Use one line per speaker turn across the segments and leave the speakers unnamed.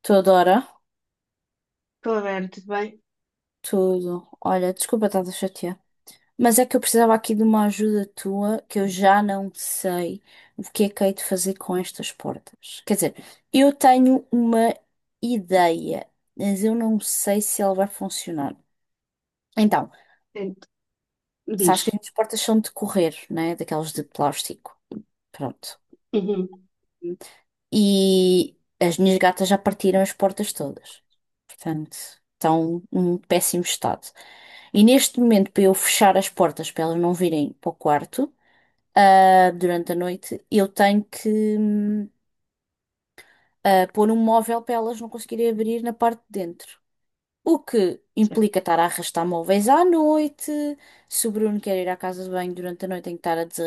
Tudo, ora?
Estou a ver, tudo bem?
Tudo. Olha, desculpa estar a chatear. Mas é que eu precisava aqui de uma ajuda tua, que eu já não sei o que é que hei de fazer com estas portas. Quer dizer, eu tenho uma ideia, mas eu não sei se ela vai funcionar. Então,
Ent- Diz.
sabes que as portas são de correr, né? Daquelas de plástico. Pronto.
Uhum,
E as minhas gatas já partiram as portas todas. Portanto, estão num péssimo estado. E neste momento, para eu fechar as portas para elas não virem para o quarto, durante a noite, eu tenho que hum, pôr um móvel para elas não conseguirem abrir na parte de dentro. O que
certo.
implica estar a arrastar móveis à noite. Se o Bruno quer ir à casa de banho durante a noite, tem que estar a, des-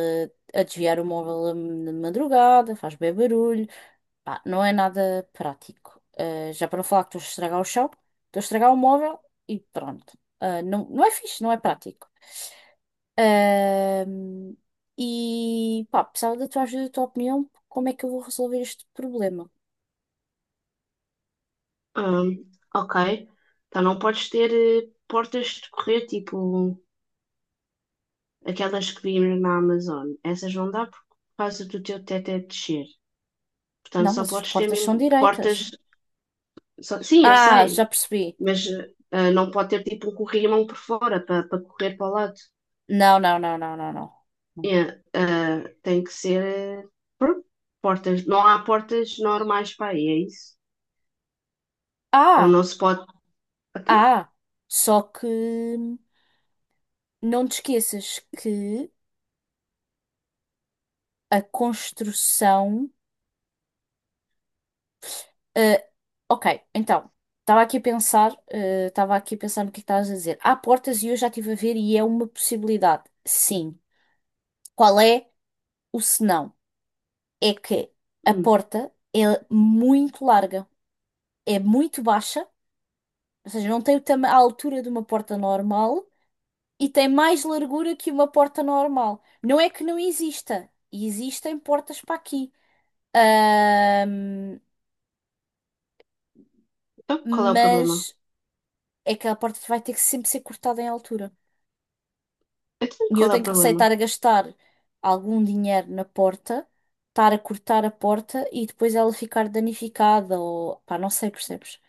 a desviar o móvel de madrugada, faz bem barulho. Pá, não é nada prático. Já para não falar que estou a estragar o chão, estou a estragar o móvel e pronto. Não, não é fixe, não é prático. Ahm, e pá, precisava da tua ajuda, da tua opinião, como é que eu vou resolver este problema?
Hum, ok. Então não podes ter portas de correr, tipo aquelas que vimos na Amazon. Essas não dá por causa do teu teto é descer. Portanto,
Não,
só
mas as
podes ter
portas
mesmo
são direitas.
portas. Sim, eu
Ah, já
sei,
percebi.
mas não pode ter tipo um corrimão por fora para correr para o lado.
Não, não, não, não, não, não. Não.
É, tem que ser pronto, portas. Não há portas normais para aí, é isso? Ou
Ah,
não se pode. Então?
ah, só que não te esqueças que a construção. eh, ok, então, estava aqui a pensar, estava aqui a pensar no que estás a dizer. Há portas e eu já estive a ver e é uma possibilidade. Sim. Qual é o senão? É que a
Hum,
porta é muito larga, é muito baixa, ou seja, não tem a altura de uma porta normal e tem mais largura que uma porta normal. Não é que não exista, existem portas para aqui. Ahm,
Então, qual é o problema?
mas é que a porta vai ter que sempre ser cortada em altura.
Então,
E eu
qual é o
tenho que
problema?
receitar a gastar algum dinheiro na porta, estar a cortar a porta e depois ela ficar danificada ou pá, não sei, percebes?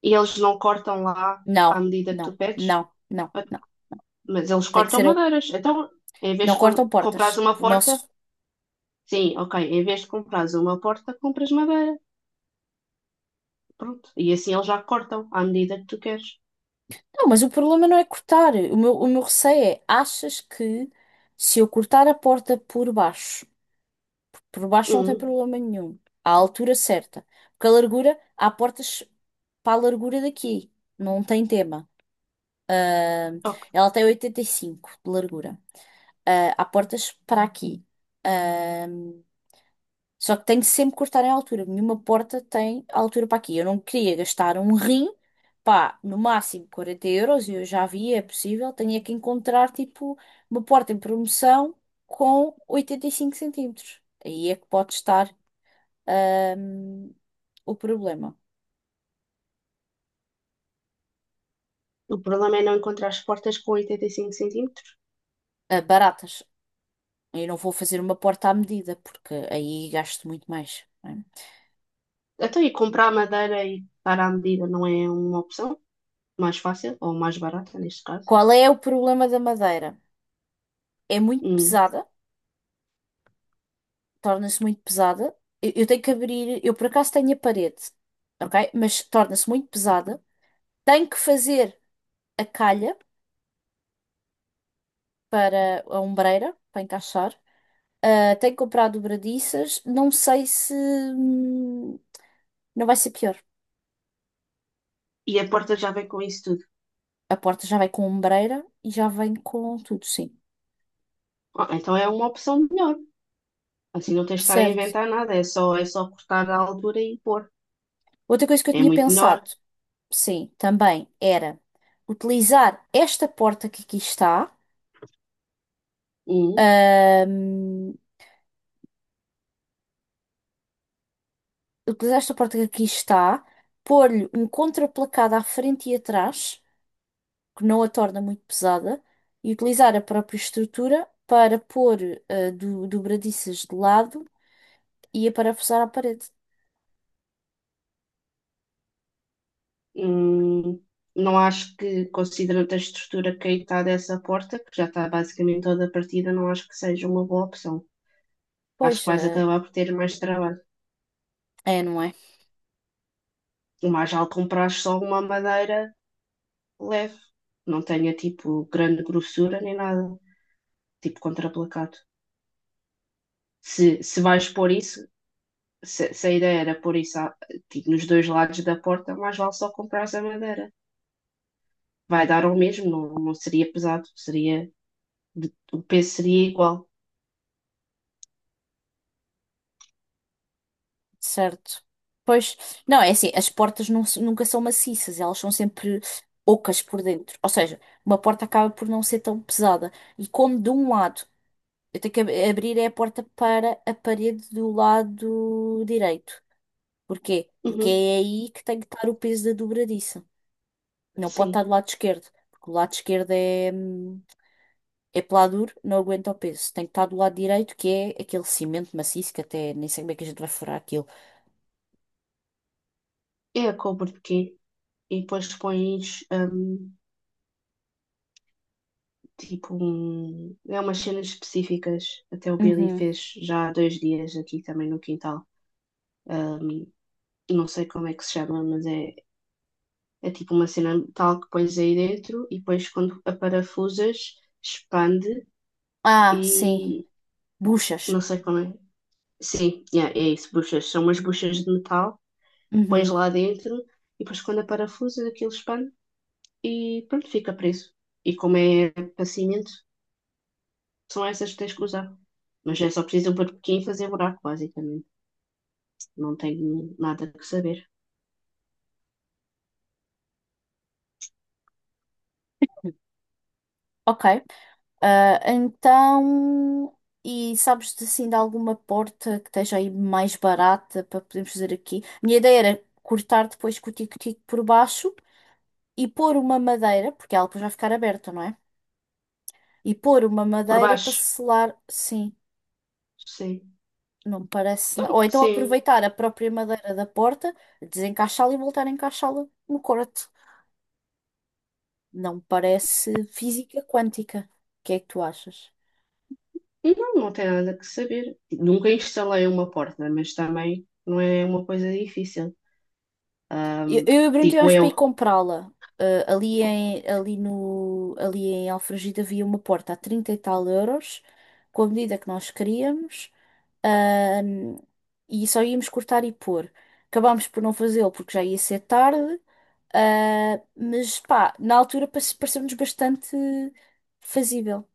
E eles não cortam lá à
Não,
medida que tu
não,
pedes?
não, não, não.
Mas eles
Tem que
cortam
ser eu.
madeiras. Então, em vez
Não
de
cortam portas.
comprares uma
O
porta,
nosso
sim, ok. Em vez de comprares uma porta, compras madeira. Pronto. E assim eles já cortam à medida que tu queres.
Não, mas o problema não é cortar. O meu receio é, achas que se eu cortar a porta por baixo não tem
Hum,
problema nenhum, à altura certa, porque a largura, há portas para a largura daqui, não tem tema. Ah,
ok.
ela tem 85 de largura. Há portas para aqui. Ah, só que tem de sempre cortar em altura. Nenhuma porta tem altura para aqui. Eu não queria gastar um rim, pá, no máximo 40 euros. Eu já vi, é possível. Tinha que encontrar, tipo, uma porta em promoção com 85 centímetros. Aí é que pode estar, hum, o problema.
O problema é não encontrar as portas com 85 centímetros.
Baratas. Eu não vou fazer uma porta à medida, porque aí gasto muito mais. Não é?
Até e comprar madeira e dar à medida não é uma opção mais fácil ou mais barata, neste caso.
Qual é o problema da madeira? É muito
Hum.
pesada, torna-se muito pesada. Eu tenho que abrir, eu por acaso tenho a parede, ok? Mas torna-se muito pesada. Tenho que fazer a calha para a ombreira, para encaixar. Tenho que comprar dobradiças. Não sei se não vai ser pior.
E a porta já vem com isso tudo.
A porta já vai com ombreira e já vem com tudo, sim.
Ah, então é uma opção melhor. Assim não tens de estar a
Certo.
inventar nada. É só cortar a altura e pôr.
Outra coisa que eu
É
tinha
muito
pensado,
melhor.
sim, também era utilizar esta porta que aqui está.
Hum.
Ahm, utilizar esta porta que aqui está, pôr-lhe um contraplacado à frente e atrás, que não a torna muito pesada, e utilizar a própria estrutura para pôr dobradiças de lado e a aparafusar à parede.
Hum, não acho que, considerando a estrutura que aí está dessa porta, que já está basicamente toda partida, não acho que seja uma boa opção. Acho
Pois,
que vais acabar por ter mais trabalho.
é, não é?
O mais vale comprar só uma madeira leve, que não tenha tipo grande grossura nem nada, tipo contraplacado. Se vais pôr isso, se a ideia era pôr isso tipo, nos dois lados da porta, mais vale só comprar a madeira. Vai dar ao mesmo, não, não seria pesado, seria, o peso seria igual.
Certo. Pois, não, é assim, as portas nunca são maciças, elas são sempre ocas por dentro. Ou seja, uma porta acaba por não ser tão pesada. E como de um lado eu tenho que abrir é a porta para a parede do lado direito. Porquê? Porque
Uhum,
é aí que tem que estar o peso da dobradiça. Não pode estar
sim.
do lado esquerdo, porque o lado esquerdo é peladuro, não aguenta o peso. Tem que estar do lado direito, que é aquele cimento maciço, que até nem sei como é que a gente vai furar aquilo.
É a couve de quê? E depois pões tipo um, é umas cenas específicas. Até o Billy
Uhum.
fez já há dois dias aqui também no quintal. Não sei como é que se chama, mas é, é tipo uma cena tal que pões aí dentro e depois quando a parafusas expande
Ah, sim.
e
Buchas.
não sei como é. Sim, yeah, é isso, buchas. São umas buchas de metal, pões
Uhum.
lá dentro e depois quando a parafusas aquilo expande e pronto, fica preso. E como é para cimento, são essas que tens que usar. Mas é só preciso um porquinho e fazer buraco, basicamente. Não tenho nada que saber.
Ok, então, e sabes de, assim de alguma porta que esteja aí mais barata para podermos fazer aqui? Minha ideia era cortar depois com o tico-tico por baixo e pôr uma madeira, porque ela depois vai ficar aberta, não é? E pôr uma
Por
madeira para
baixo?
selar, sim,
Sim.
não me parece. Ou então
Sim.
aproveitar a própria madeira da porta, desencaixá-la e voltar a encaixá-la no corte. Não me parece física quântica. O que é que tu achas?
Não, não tem nada que saber. Nunca instalei uma porta, mas também não é uma coisa difícil.
Eu,
Ahm,
eu e o Bruno
digo
tivemos
eu.
para ir comprá-la. Ah, ali em, ali no, ali em Alfragide havia uma porta a 30 e tal euros, com a medida que nós queríamos, ahm, e só íamos cortar e pôr. Acabámos por não fazê-lo porque já ia ser tarde, mas pá, na altura pareceu-nos bastante fazível.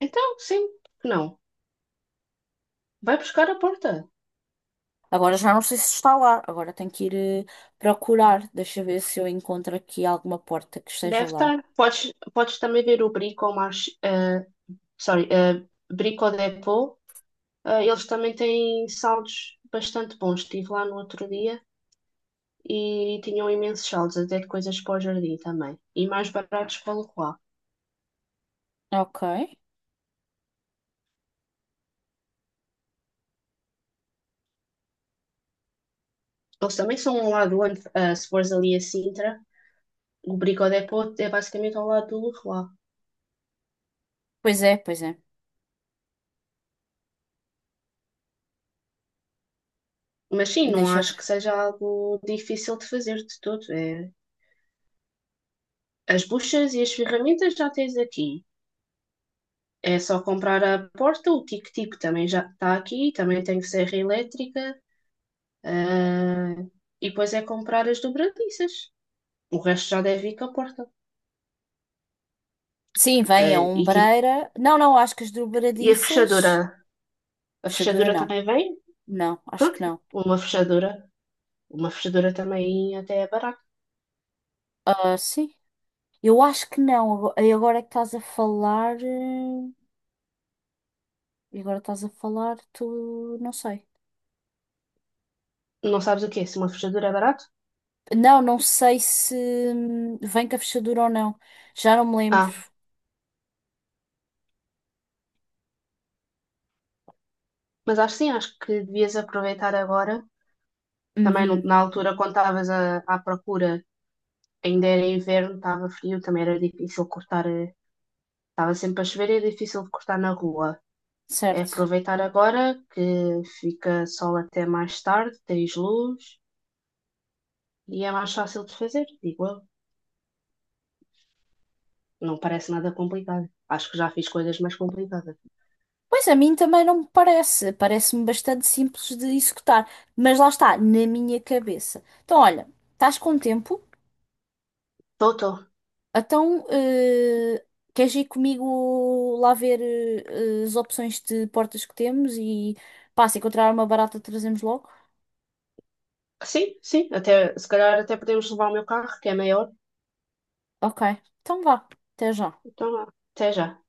Então, sim, que não. Vai buscar a porta.
Agora já não sei se está lá, agora tenho que ir procurar. Deixa eu ver se eu encontro aqui alguma porta que
Deve
esteja lá.
estar. Podes, podes também ver o Brico ao March, sorry, Brico Dépôt. Eles também têm saldos bastante bons. Estive lá no outro dia e tinham imensos saldos, até de coisas para o jardim também. E mais baratos para o lá.
Ok.
Eles também são ao lado, onde, ah, se fores ali a Sintra, o Brico Dépôt é basicamente ao lado do Leroy.
Pois é, pois é.
Mas sim, não
Deixa eu
acho que
ver.
seja algo difícil de fazer de todo. É, as buchas e as ferramentas já tens aqui. É só comprar a porta, o tic-tic também já está aqui, também tem serra elétrica. ah, e depois é comprar as dobradiças. O resto já deve ir com a porta.
Sim, vem
Ah,
a
e, tipo,
ombreira. Não, não, acho que as
e a
dobradiças.
fechadura? A
Fechadura
fechadura
não.
também vem?
Não, acho
Pronto,
que não.
uma fechadura. Uma fechadura também até é barato.
Ah, sim. Eu acho que não. E agora é que estás a falar. E agora estás a falar, tu. Não sei.
Não sabes o quê? Se uma fechadura é barato?
Não, não sei se vem com a fechadura ou não. Já não me lembro.
Ah, mas acho sim, acho que devias aproveitar agora. Também
Uhum,
na altura, quando à procura, ainda era inverno, estava frio, também era difícil cortar. Estava sempre a chover e é difícil de cortar na rua. É
certo.
aproveitar agora que fica sol até mais tarde, tens luz e é mais fácil de fazer, digo eu. Não parece nada complicado. Acho que já fiz coisas mais complicadas.
Pois a mim também não me parece. Parece-me bastante simples de executar. Mas lá está, na minha cabeça. Então, olha, estás com tempo?
Tô, tô.
Então, queres ir comigo lá ver as opções de portas que temos e pá, se encontrar uma barata trazemos logo?
Sim, sim, até, se calhar até podemos levar o meu carro, que é maior.
Ok, então vá, até já.
Então, até já.